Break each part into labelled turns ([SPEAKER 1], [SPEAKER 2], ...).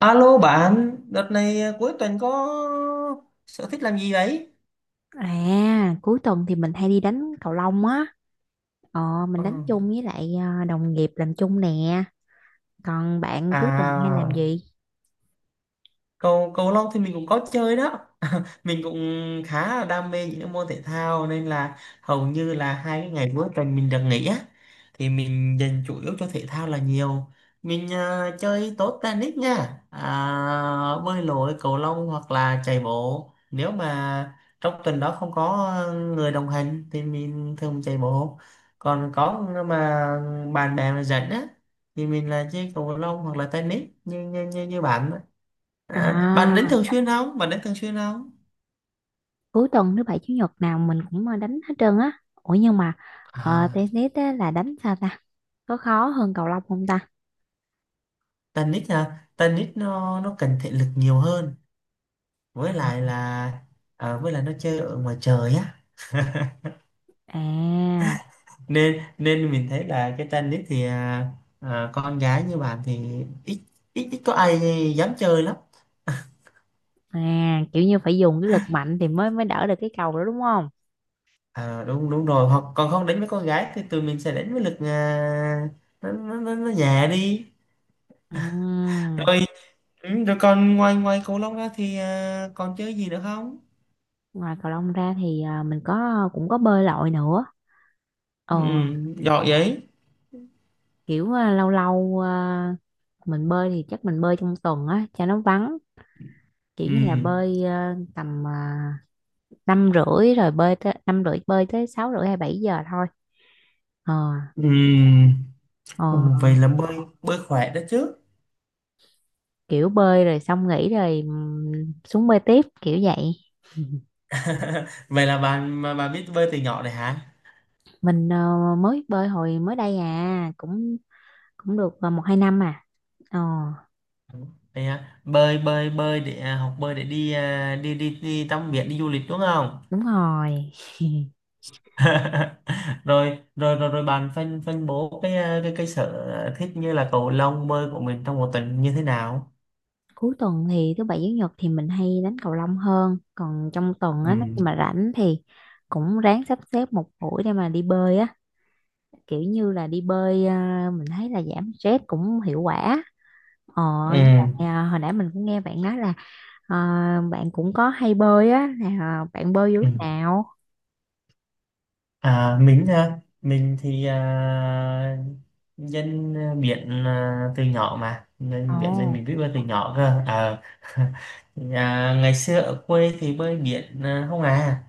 [SPEAKER 1] Alo bạn, đợt này cuối tuần có sở thích làm gì đấy?
[SPEAKER 2] À, cuối tuần thì mình hay đi đánh cầu lông á. Ờ, mình
[SPEAKER 1] Ừ.
[SPEAKER 2] đánh chung với lại đồng nghiệp làm chung nè. Còn bạn cuối tuần hay làm
[SPEAKER 1] À,
[SPEAKER 2] gì?
[SPEAKER 1] cầu cầu lông thì mình cũng có chơi đó. Mình cũng khá là đam mê những cái môn thể thao nên là hầu như là hai cái ngày cuối tuần mình được nghỉ á, thì mình dành chủ yếu cho thể thao là nhiều. Mình chơi tốt tennis nha, bơi lội, cầu lông hoặc là chạy bộ, nếu mà trong tuần đó không có người đồng hành thì mình thường chạy bộ, còn có mà bạn bè mà dẫn á thì mình là chơi cầu lông hoặc là tennis như bạn á. À, bạn đến
[SPEAKER 2] À,
[SPEAKER 1] thường xuyên không? Bạn đến thường xuyên không?
[SPEAKER 2] cuối tuần thứ bảy chủ nhật nào mình cũng đánh hết trơn á. Ủa nhưng mà
[SPEAKER 1] À,
[SPEAKER 2] tennis á, là đánh sao ta? Có khó hơn cầu lông không ta?
[SPEAKER 1] tennis hả? Tennis nó cần thể lực nhiều hơn, với
[SPEAKER 2] Ờ.
[SPEAKER 1] lại là à, với lại nó chơi ở ngoài trời á,
[SPEAKER 2] À,
[SPEAKER 1] nên nên mình thấy là cái tennis thì à, à, con gái như bạn thì ít, ít có ai dám chơi lắm.
[SPEAKER 2] à, kiểu như phải dùng cái lực mạnh thì mới mới đỡ được cái cầu đó đúng không?
[SPEAKER 1] À, đúng, đúng rồi, hoặc còn không đánh với con gái thì tụi mình sẽ đánh với lực à, nó nhẹ đi.
[SPEAKER 2] Ừm.
[SPEAKER 1] Ừ, rồi còn ngoài ngoài cầu lông ra thì à, còn chơi gì nữa không?
[SPEAKER 2] Ngoài cầu lông ra thì mình có bơi lội nữa. Ờ,
[SPEAKER 1] Ừ, giỏi vậy.
[SPEAKER 2] kiểu lâu lâu, mình bơi thì chắc mình bơi trong tuần á cho nó vắng, kiểu
[SPEAKER 1] Ừ.
[SPEAKER 2] như là bơi 5h30, rồi bơi tới 5h30, bơi tới 6h30 hay 7 giờ thôi. ờ
[SPEAKER 1] Ừ.
[SPEAKER 2] ờ
[SPEAKER 1] Ồ, vậy là bơi bơi khỏe đó chứ.
[SPEAKER 2] kiểu bơi rồi xong nghỉ rồi, xuống bơi tiếp kiểu vậy.
[SPEAKER 1] Vậy là bạn mà bạn biết bơi từ nhỏ rồi hả?
[SPEAKER 2] Mình mới bơi hồi mới đây, cũng cũng được, một hai năm ờ.
[SPEAKER 1] Vậy à, bơi bơi bơi để à, học bơi để đi à, đi đi đi tắm biển, đi du lịch đúng không?
[SPEAKER 2] Đúng rồi.
[SPEAKER 1] rồi rồi rồi rồi bạn phân phân bố cái à, cái sở thích như là cầu lông, bơi của mình trong một tuần như thế nào?
[SPEAKER 2] Cuối tuần thì thứ bảy chủ nhật thì mình hay đánh cầu lông hơn, còn trong tuần á nếu
[SPEAKER 1] Ừ.
[SPEAKER 2] như mà rảnh thì cũng ráng sắp xếp một buổi để mà đi bơi á, kiểu như là đi bơi mình thấy là giảm stress cũng hiệu quả. ờ
[SPEAKER 1] Ừ,
[SPEAKER 2] với lại, hồi nãy mình cũng nghe bạn nói là bạn cũng có hay bơi á, là bạn bơi vô
[SPEAKER 1] ừ.
[SPEAKER 2] lúc nào?
[SPEAKER 1] À, mình thì à, dân biển à, từ nhỏ mà nên
[SPEAKER 2] Ồ.
[SPEAKER 1] biển, nên mình biết bơi từ nhỏ cơ. Ờ. À, ngày xưa ở quê thì bơi biển à, không à.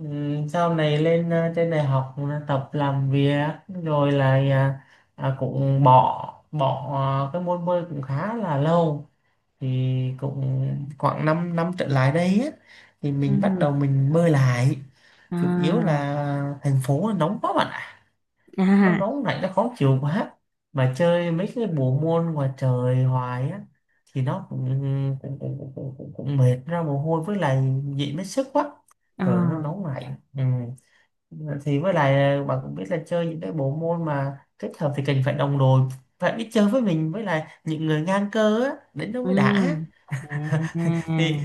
[SPEAKER 1] Ừ, sau này lên à, trên đại học là tập làm việc rồi là à, à, cũng bỏ bỏ à, cái môn bơi cũng khá là lâu, thì cũng khoảng 5 năm năm trở lại đây á, thì mình bắt
[SPEAKER 2] Ừ.
[SPEAKER 1] đầu mình bơi lại. Chủ yếu
[SPEAKER 2] À.
[SPEAKER 1] là thành phố nó nóng quá bạn ạ, nó
[SPEAKER 2] À.
[SPEAKER 1] nóng này nó khó chịu quá, mà chơi mấy cái bộ môn ngoài trời hoài á thì nó cũng cũng mệt, ra mồ hôi, với lại dị mất sức quá.
[SPEAKER 2] Ờ.
[SPEAKER 1] Trời nó nóng lạnh, ừ. Thì với lại bạn cũng biết là chơi những cái bộ môn mà kết hợp thì cần phải đồng đội, phải biết chơi với mình, với lại những người ngang cơ á, đến đó
[SPEAKER 2] Ừ.
[SPEAKER 1] mới đã.
[SPEAKER 2] À.
[SPEAKER 1] Thì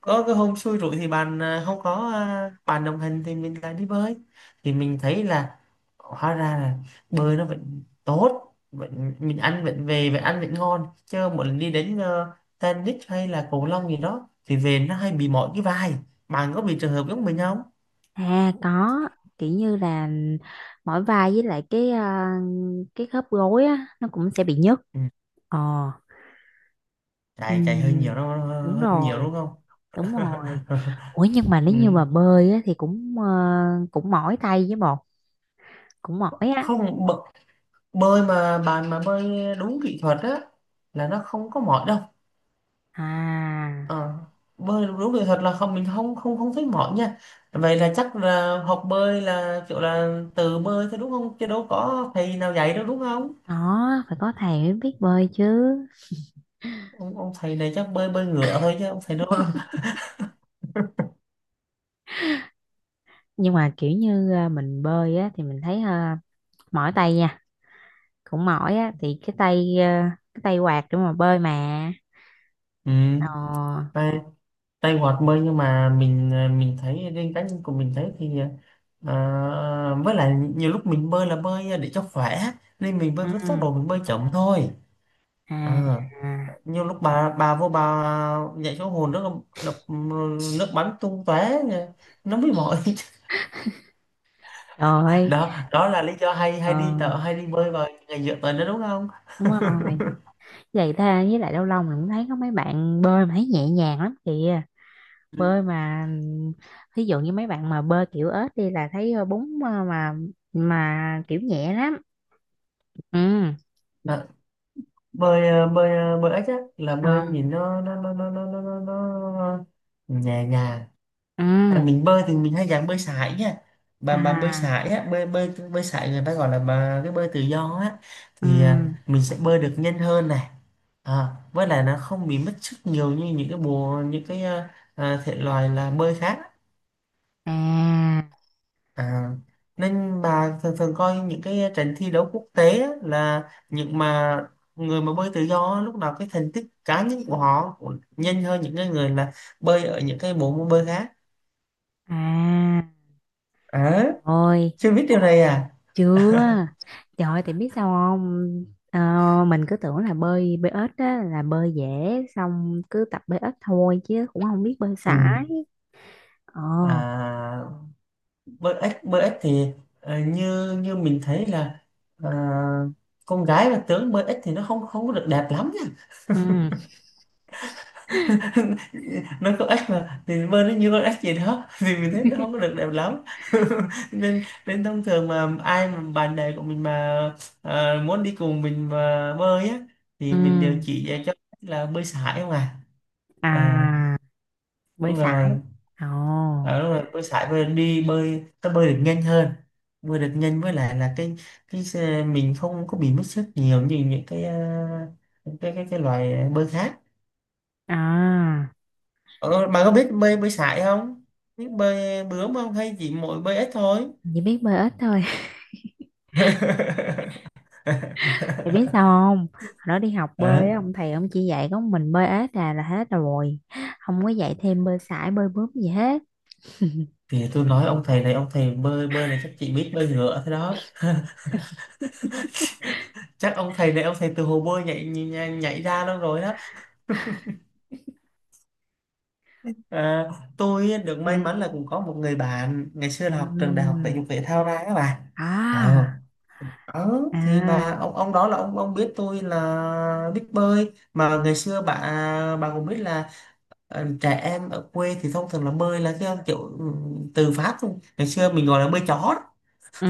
[SPEAKER 1] có cái hôm xui rủi thì bạn à, không có à, bạn đồng hành thì mình lại đi bơi, thì mình thấy là hóa ra là bơi nó vẫn tốt, vẫn mình ăn vẫn, về và ăn vẫn ngon, chứ mỗi lần đi đến tennis hay là cầu lông gì đó thì về nó hay bị mỏi cái vai. Bạn có bị trường hợp giống mình không?
[SPEAKER 2] À, có. Kiểu như là mỏi vai, với lại cái khớp gối á nó cũng sẽ bị nhức.
[SPEAKER 1] Ừ.
[SPEAKER 2] Ờ.
[SPEAKER 1] chạy chạy hơi nhiều
[SPEAKER 2] Ừ,
[SPEAKER 1] đó,
[SPEAKER 2] đúng
[SPEAKER 1] hơi nhiều
[SPEAKER 2] rồi,
[SPEAKER 1] đúng không?
[SPEAKER 2] đúng rồi. Ủa nhưng mà nếu như
[SPEAKER 1] Ừ.
[SPEAKER 2] mà bơi á, thì cũng mỏi tay với bột, cũng mỏi á.
[SPEAKER 1] không bợ- Bơi mà bạn mà bơi đúng kỹ thuật á là nó không có mỏi đâu.
[SPEAKER 2] À,
[SPEAKER 1] Ờ, bơi đúng rồi thật là không, mình không không không thấy mỏi nha. Vậy là chắc là học bơi là kiểu là tự bơi thôi đúng không, chứ đâu có thầy nào dạy đâu đúng không?
[SPEAKER 2] đó phải có thầy mới biết bơi chứ.
[SPEAKER 1] Ông thầy này chắc bơi bơi ngửa thôi, chứ ông thầy đâu.
[SPEAKER 2] Nhưng mà kiểu như mình bơi á thì mình thấy mỏi tay nha, cũng mỏi á, thì cái tay quạt để mà bơi mà.
[SPEAKER 1] Ừ,
[SPEAKER 2] Ờ.
[SPEAKER 1] tay, tay hoạt bơi, nhưng mà mình thấy riêng cá nhân của mình thấy thì à, với lại nhiều lúc mình bơi là bơi để cho khỏe, nên mình bơi
[SPEAKER 2] Ừ.
[SPEAKER 1] với tốc độ, mình bơi chậm thôi.
[SPEAKER 2] À,
[SPEAKER 1] À,
[SPEAKER 2] à,
[SPEAKER 1] nhiều lúc bà vô bà dạy số hồn nước, đập nước bắn tung tóe, nó mới mỏi.
[SPEAKER 2] trời ơi,
[SPEAKER 1] Đó đó là lý do hay
[SPEAKER 2] ờ,
[SPEAKER 1] hay đi tợ, hay đi bơi vào ngày giữa tuần đó đúng không?
[SPEAKER 2] đúng rồi. Vậy ta, với lại lâu lâu mình cũng thấy có mấy bạn bơi mà thấy nhẹ nhàng lắm kìa.
[SPEAKER 1] Ừ.
[SPEAKER 2] Bơi mà thí dụ như mấy bạn mà bơi kiểu ếch đi là thấy bún mà kiểu nhẹ lắm. Ừ.
[SPEAKER 1] Đó, bơi ếch á là bơi
[SPEAKER 2] Ờ.
[SPEAKER 1] nhìn nó nhẹ nhàng.
[SPEAKER 2] Ừ.
[SPEAKER 1] À, mình bơi thì mình hay dạng bơi sải nha. Bà bơi
[SPEAKER 2] À.
[SPEAKER 1] sải á, bơi bơi bơi sải người ta gọi là bà cái bơi tự do á,
[SPEAKER 2] Ừ.
[SPEAKER 1] thì à, mình sẽ bơi được nhanh hơn này. À, với lại nó không bị mất sức nhiều như những cái bộ, những cái à, thể loại là bơi khác.
[SPEAKER 2] À.
[SPEAKER 1] À, nên bà thường thường coi những cái trận thi đấu quốc tế á, là những mà người mà bơi tự do á, lúc nào cái thành tích cá nhân của họ cũng nhanh hơn những cái người là bơi ở những cái bộ môn bơi khác.
[SPEAKER 2] À.
[SPEAKER 1] À,
[SPEAKER 2] Ôi.
[SPEAKER 1] chưa biết điều này à.
[SPEAKER 2] Chưa. Trời ơi, thì biết sao không? Ờ, mình cứ tưởng là bơi bơi ếch á là bơi dễ, xong cứ tập bơi ếch thôi chứ cũng không biết bơi
[SPEAKER 1] Ừ.
[SPEAKER 2] sải. Ờ.
[SPEAKER 1] À, bơi ếch thì ờ, như như mình thấy là ờ, con gái mà tướng bơi ếch thì nó không, không có được đẹp lắm.
[SPEAKER 2] Ừ.
[SPEAKER 1] Nó có ếch mà thì bơi nó như con ếch gì đó. Thì mình thấy nó không có được đẹp lắm. nên nên thông thường mà ai mà bạn bè của mình mà ờ, muốn đi cùng mình mà bơi á thì
[SPEAKER 2] Ừ.
[SPEAKER 1] mình đều chỉ dạy cho là bơi sải không à. À,
[SPEAKER 2] À, bơi
[SPEAKER 1] đúng
[SPEAKER 2] sải.
[SPEAKER 1] rồi.
[SPEAKER 2] Ồ.
[SPEAKER 1] À, đúng rồi, bơi sải, bơi đi, bơi ta bơi được nhanh hơn, bơi được nhanh, với lại là cái mình không có bị mất sức nhiều như những cái cái loài bơi khác.
[SPEAKER 2] À,
[SPEAKER 1] Ờ, bà có biết bơi bơi sải không? Biết bơi bướm không hay chỉ mỗi bơi ếch thôi?
[SPEAKER 2] chỉ biết bơi ếch thôi. Thì biết sao không? Hồi đó đi học
[SPEAKER 1] Đó,
[SPEAKER 2] bơi á, ông thầy ông chỉ dạy có mình bơi ếch là hết rồi. Không có dạy thêm bơi sải, bơi bướm gì hết.
[SPEAKER 1] thì tôi nói ông thầy này, ông thầy bơi bơi này chắc chị biết bơi ngựa thế đó. Chắc ông thầy này, ông thầy từ hồ bơi nhảy nhảy, nhảy ra đâu rồi đó. À, tôi được
[SPEAKER 2] Ừ.
[SPEAKER 1] may mắn là cũng có một người bạn ngày xưa
[SPEAKER 2] Ừ.
[SPEAKER 1] là học trường đại học thể dục thể thao ra các bạn. ờ
[SPEAKER 2] À.
[SPEAKER 1] ờ, thì
[SPEAKER 2] À.
[SPEAKER 1] bà ông đó là ông biết tôi là biết bơi mà, ngày xưa bà cũng biết là ờ, trẻ em ở quê thì thông thường là bơi là cái kiểu ừ, từ phát luôn, ngày xưa mình gọi là bơi chó.
[SPEAKER 2] Ừ.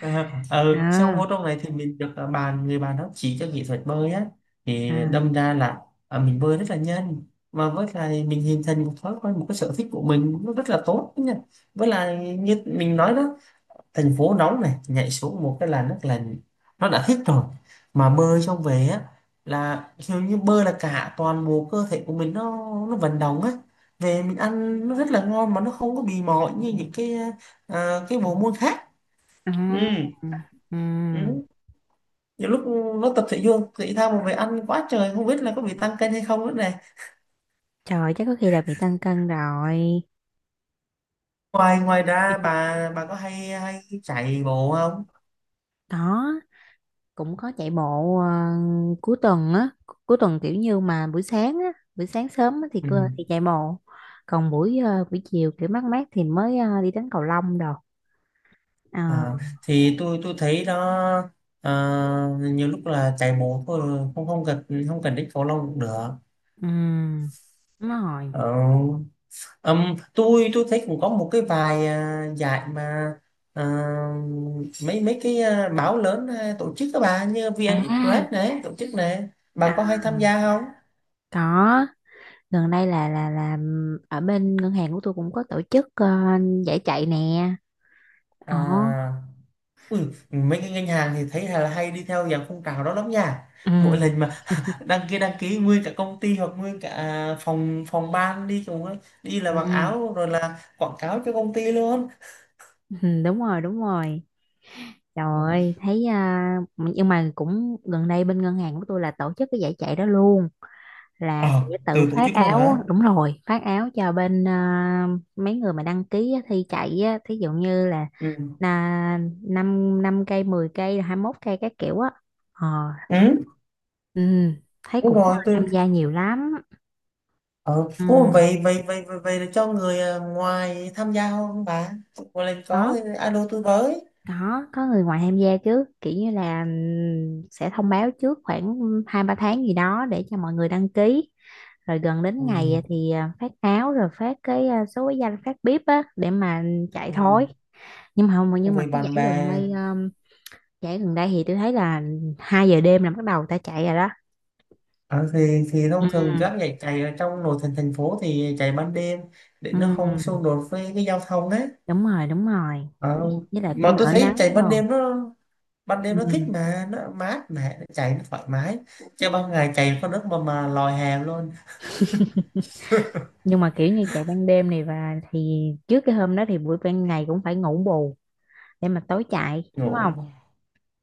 [SPEAKER 1] À, ờ, ừ, sau
[SPEAKER 2] À.
[SPEAKER 1] vô trong này thì mình được ờ, bạn, người bạn đó chỉ cho kỹ thuật bơi á, thì
[SPEAKER 2] À.
[SPEAKER 1] đâm ra là ờ, mình bơi rất là nhanh. Mà với lại mình hình thành một thói quen, một cái sở thích của mình nó rất là tốt nha. Với lại như mình nói đó, thành phố nóng này, nhảy xuống một cái là nước là nó đã thích rồi. Mà bơi xong về á là kiểu như bơi là cả toàn bộ cơ thể của mình nó vận động á, về mình ăn nó rất là ngon, mà nó không có bị mỏi như những cái cái bộ môn khác.
[SPEAKER 2] À,
[SPEAKER 1] Ừ.
[SPEAKER 2] ừ. Ừ.
[SPEAKER 1] Ừ, nhiều lúc nó tập thể dục thể thao mà về ăn quá trời, không biết là có bị tăng cân hay không nữa này.
[SPEAKER 2] Trời, chắc có khi là bị tăng cân rồi.
[SPEAKER 1] Ngoài ngoài ra bà có hay hay chạy bộ không?
[SPEAKER 2] Đó, cũng có chạy bộ, cuối tuần á, cuối tuần kiểu như mà buổi sáng á, buổi sáng sớm á thì
[SPEAKER 1] Ừ.
[SPEAKER 2] cơ thì chạy bộ. Còn buổi chiều kiểu mát mát thì mới đi đánh cầu lông đồ.
[SPEAKER 1] À,
[SPEAKER 2] Ờ,
[SPEAKER 1] thì tôi thấy đó, à, nhiều lúc là chạy bộ thôi, không không cần, không cần đến cầu lông cũng được.
[SPEAKER 2] ừ, đúng rồi.
[SPEAKER 1] Ờ, tôi thấy cũng có một cái vài à, giải mà à, mấy mấy cái à, báo lớn à, tổ chức các bà như vê en
[SPEAKER 2] À,
[SPEAKER 1] express này tổ chức này,
[SPEAKER 2] à,
[SPEAKER 1] bà có hay tham gia không?
[SPEAKER 2] có, gần đây là ở bên ngân hàng của tôi cũng có tổ chức giải chạy nè. Ồ.
[SPEAKER 1] À, Ui, mấy cái ngân hàng thì thấy là hay đi theo dạng phong trào đó lắm nha. Mỗi
[SPEAKER 2] Ừ.
[SPEAKER 1] lần mà đăng ký nguyên cả công ty hoặc nguyên cả phòng phòng ban đi cùng ấy. Đi là mặc
[SPEAKER 2] Ừ.
[SPEAKER 1] áo rồi là quảng cáo cho công ty luôn.
[SPEAKER 2] Ừ, đúng rồi, đúng rồi. Trời
[SPEAKER 1] Ừ.
[SPEAKER 2] ơi, thấy nhưng mà cũng gần đây bên ngân hàng của tôi là tổ chức cái giải chạy đó luôn, là sẽ
[SPEAKER 1] Ờ,
[SPEAKER 2] tự
[SPEAKER 1] từ tổ
[SPEAKER 2] phát
[SPEAKER 1] chức luôn
[SPEAKER 2] áo,
[SPEAKER 1] hả?
[SPEAKER 2] đúng rồi, phát áo cho bên mấy người mà đăng ký á, thi chạy á, thí dụ như là
[SPEAKER 1] Ừ.
[SPEAKER 2] là 5 năm cây, 10 cây, 21 cây các kiểu á. ờ,
[SPEAKER 1] Ừ,
[SPEAKER 2] ừ, thấy
[SPEAKER 1] đúng
[SPEAKER 2] cũng
[SPEAKER 1] rồi, từ
[SPEAKER 2] tham gia nhiều lắm.
[SPEAKER 1] ờ.
[SPEAKER 2] Ừ,
[SPEAKER 1] Ô, vậy vậy vậy vậy, vậy là cho người à, ngoài tham gia không bà? Một lần có
[SPEAKER 2] có
[SPEAKER 1] thì alo tôi với.
[SPEAKER 2] có người ngoài tham gia chứ, kiểu như là, sẽ thông báo trước khoảng hai ba tháng gì đó để cho mọi người đăng ký, rồi gần đến
[SPEAKER 1] Ui.
[SPEAKER 2] ngày thì phát áo, rồi phát cái số cái danh phát bếp á để mà chạy
[SPEAKER 1] Ừ,
[SPEAKER 2] thối. Nhưng mà không, nhưng mà
[SPEAKER 1] với
[SPEAKER 2] cái
[SPEAKER 1] bạn bè.
[SPEAKER 2] giải gần đây thì tôi thấy là 2 giờ đêm là bắt đầu ta chạy rồi đó.
[SPEAKER 1] Ờ, thì thông
[SPEAKER 2] Ừ.
[SPEAKER 1] thường các giải chạy ở trong nội thành thành phố thì chạy ban đêm để
[SPEAKER 2] Ừ,
[SPEAKER 1] nó không xung đột với cái giao thông đấy.
[SPEAKER 2] đúng rồi, đúng rồi.
[SPEAKER 1] Ờ,
[SPEAKER 2] Với lại
[SPEAKER 1] mà
[SPEAKER 2] cũng
[SPEAKER 1] tôi
[SPEAKER 2] đỡ
[SPEAKER 1] thấy
[SPEAKER 2] nắng
[SPEAKER 1] chạy ban
[SPEAKER 2] rồi.
[SPEAKER 1] đêm nó, ban đêm
[SPEAKER 2] Ừ.
[SPEAKER 1] nó thích mà, nó mát mẻ, nó chạy nó thoải mái, chứ ban ngày chạy có nước mà lòi hàng luôn.
[SPEAKER 2] Nhưng mà kiểu như chạy ban đêm này và thì trước cái hôm đó thì buổi ban ngày cũng phải ngủ bù để mà tối chạy
[SPEAKER 1] Ngủ.
[SPEAKER 2] đúng không?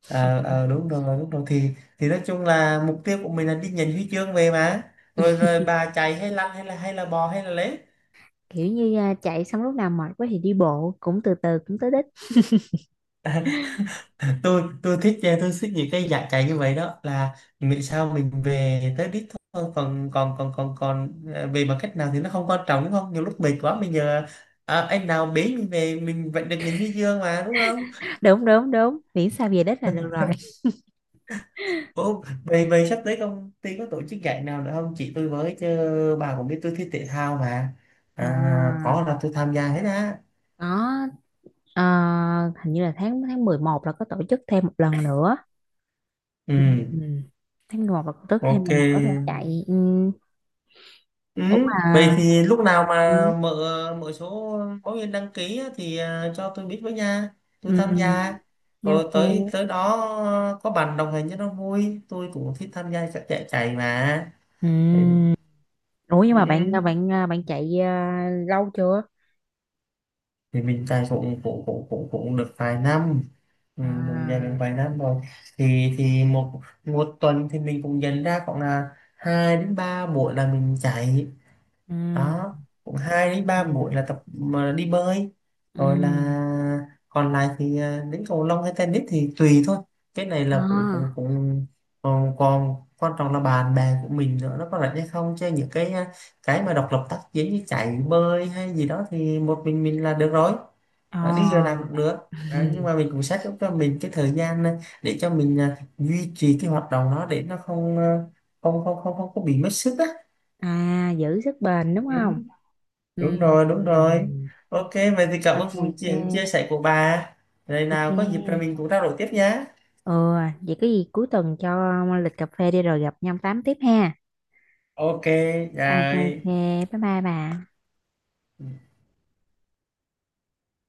[SPEAKER 1] Ờ, ờ, đúng rồi thì nói chung là mục tiêu của mình là đi nhận huy chương về mà, rồi rồi bà chạy hay lăn hay là, hay là bò hay là lết.
[SPEAKER 2] Kiểu như chạy xong lúc nào mệt quá thì đi bộ, cũng từ từ cũng tới đích.
[SPEAKER 1] Tôi thích tôi thích những cái dạng chạy như vậy đó, là miễn sao mình về tới đích thôi, còn còn còn còn còn về bằng cách nào thì nó không quan trọng đúng không, nhiều lúc mệt quá mình giờ à, anh nào bế mình về mình vẫn được nhìn thấy dương mà đúng không?
[SPEAKER 2] Đúng, đúng, đúng, miễn sao về đích là được rồi.
[SPEAKER 1] Ủa, về, về sắp tới công ty có tổ chức giải nào nữa không chị, tôi với chứ, bà cũng biết tôi thích thể thao mà. À,
[SPEAKER 2] À,
[SPEAKER 1] có là tôi tham gia hết á.
[SPEAKER 2] có, ờ, hình như là tháng tháng 11 là có tổ chức thêm một lần nữa.
[SPEAKER 1] Ừ.
[SPEAKER 2] Ừ. Tháng 11 là tổ chức thêm
[SPEAKER 1] Ok.
[SPEAKER 2] lần nữa rồi chạy,
[SPEAKER 1] Ừ,
[SPEAKER 2] cũng là.
[SPEAKER 1] vậy thì lúc nào mà
[SPEAKER 2] Ừ,
[SPEAKER 1] mở, mở số báo viên đăng ký á, thì à, cho tôi biết với nha, tôi tham
[SPEAKER 2] ừ,
[SPEAKER 1] gia.
[SPEAKER 2] nha,
[SPEAKER 1] Rồi tới
[SPEAKER 2] ok.
[SPEAKER 1] tới đó, à, có bạn đồng hành cho nó vui, tôi cũng thích tham gia các chạy chạy mà. Thì,
[SPEAKER 2] Ừ. Ủa nhưng mà bạn
[SPEAKER 1] ừ,
[SPEAKER 2] bạn bạn chạy lâu chưa?
[SPEAKER 1] thì mình chạy cũng cũng cũng cũng cũng được vài năm. Ừ, mình chạy được
[SPEAKER 2] À,
[SPEAKER 1] vài năm rồi. thì thì một một tuần thì mình cũng dành ra khoảng là hai đến ba buổi là mình chạy.
[SPEAKER 2] ừ,
[SPEAKER 1] Đó, cũng hai đến ba
[SPEAKER 2] ừ,
[SPEAKER 1] buổi là tập mà đi bơi,
[SPEAKER 2] ừ.
[SPEAKER 1] rồi là còn lại thì à, đến cầu lông hay tennis thì tùy thôi. Cái này là cũng cũng
[SPEAKER 2] À,
[SPEAKER 1] cũng còn, còn quan trọng là bạn bè của mình nữa, nó có rảnh hay không, chứ những cái à, cái mà độc lập tác chiến như chạy, bơi hay gì đó thì một mình là được rồi. Ờ, đi giờ nào
[SPEAKER 2] à,
[SPEAKER 1] cũng được. Ờ, nhưng mà mình cũng set up cho mình cái thời gian à, để cho mình à, duy trì cái hoạt động đó để nó không à, không không không không có bị mất sức á.
[SPEAKER 2] giữ sức bền
[SPEAKER 1] Ừ,
[SPEAKER 2] đúng không? Ừ.
[SPEAKER 1] đúng rồi
[SPEAKER 2] Ừ.
[SPEAKER 1] đúng rồi Ok, vậy thì cảm ơn
[SPEAKER 2] Ok,
[SPEAKER 1] buổi
[SPEAKER 2] ok,
[SPEAKER 1] chuyện chia sẻ của bà, rồi
[SPEAKER 2] ok.
[SPEAKER 1] nào có dịp rồi mình cũng trao đổi tiếp nhé.
[SPEAKER 2] Ừ, vậy có gì cuối tuần cho lịch cà phê đi rồi gặp nhau tám tiếp ha.
[SPEAKER 1] Ok.
[SPEAKER 2] Ok, ok,
[SPEAKER 1] Rồi.
[SPEAKER 2] bye bye bà.
[SPEAKER 1] Ừ.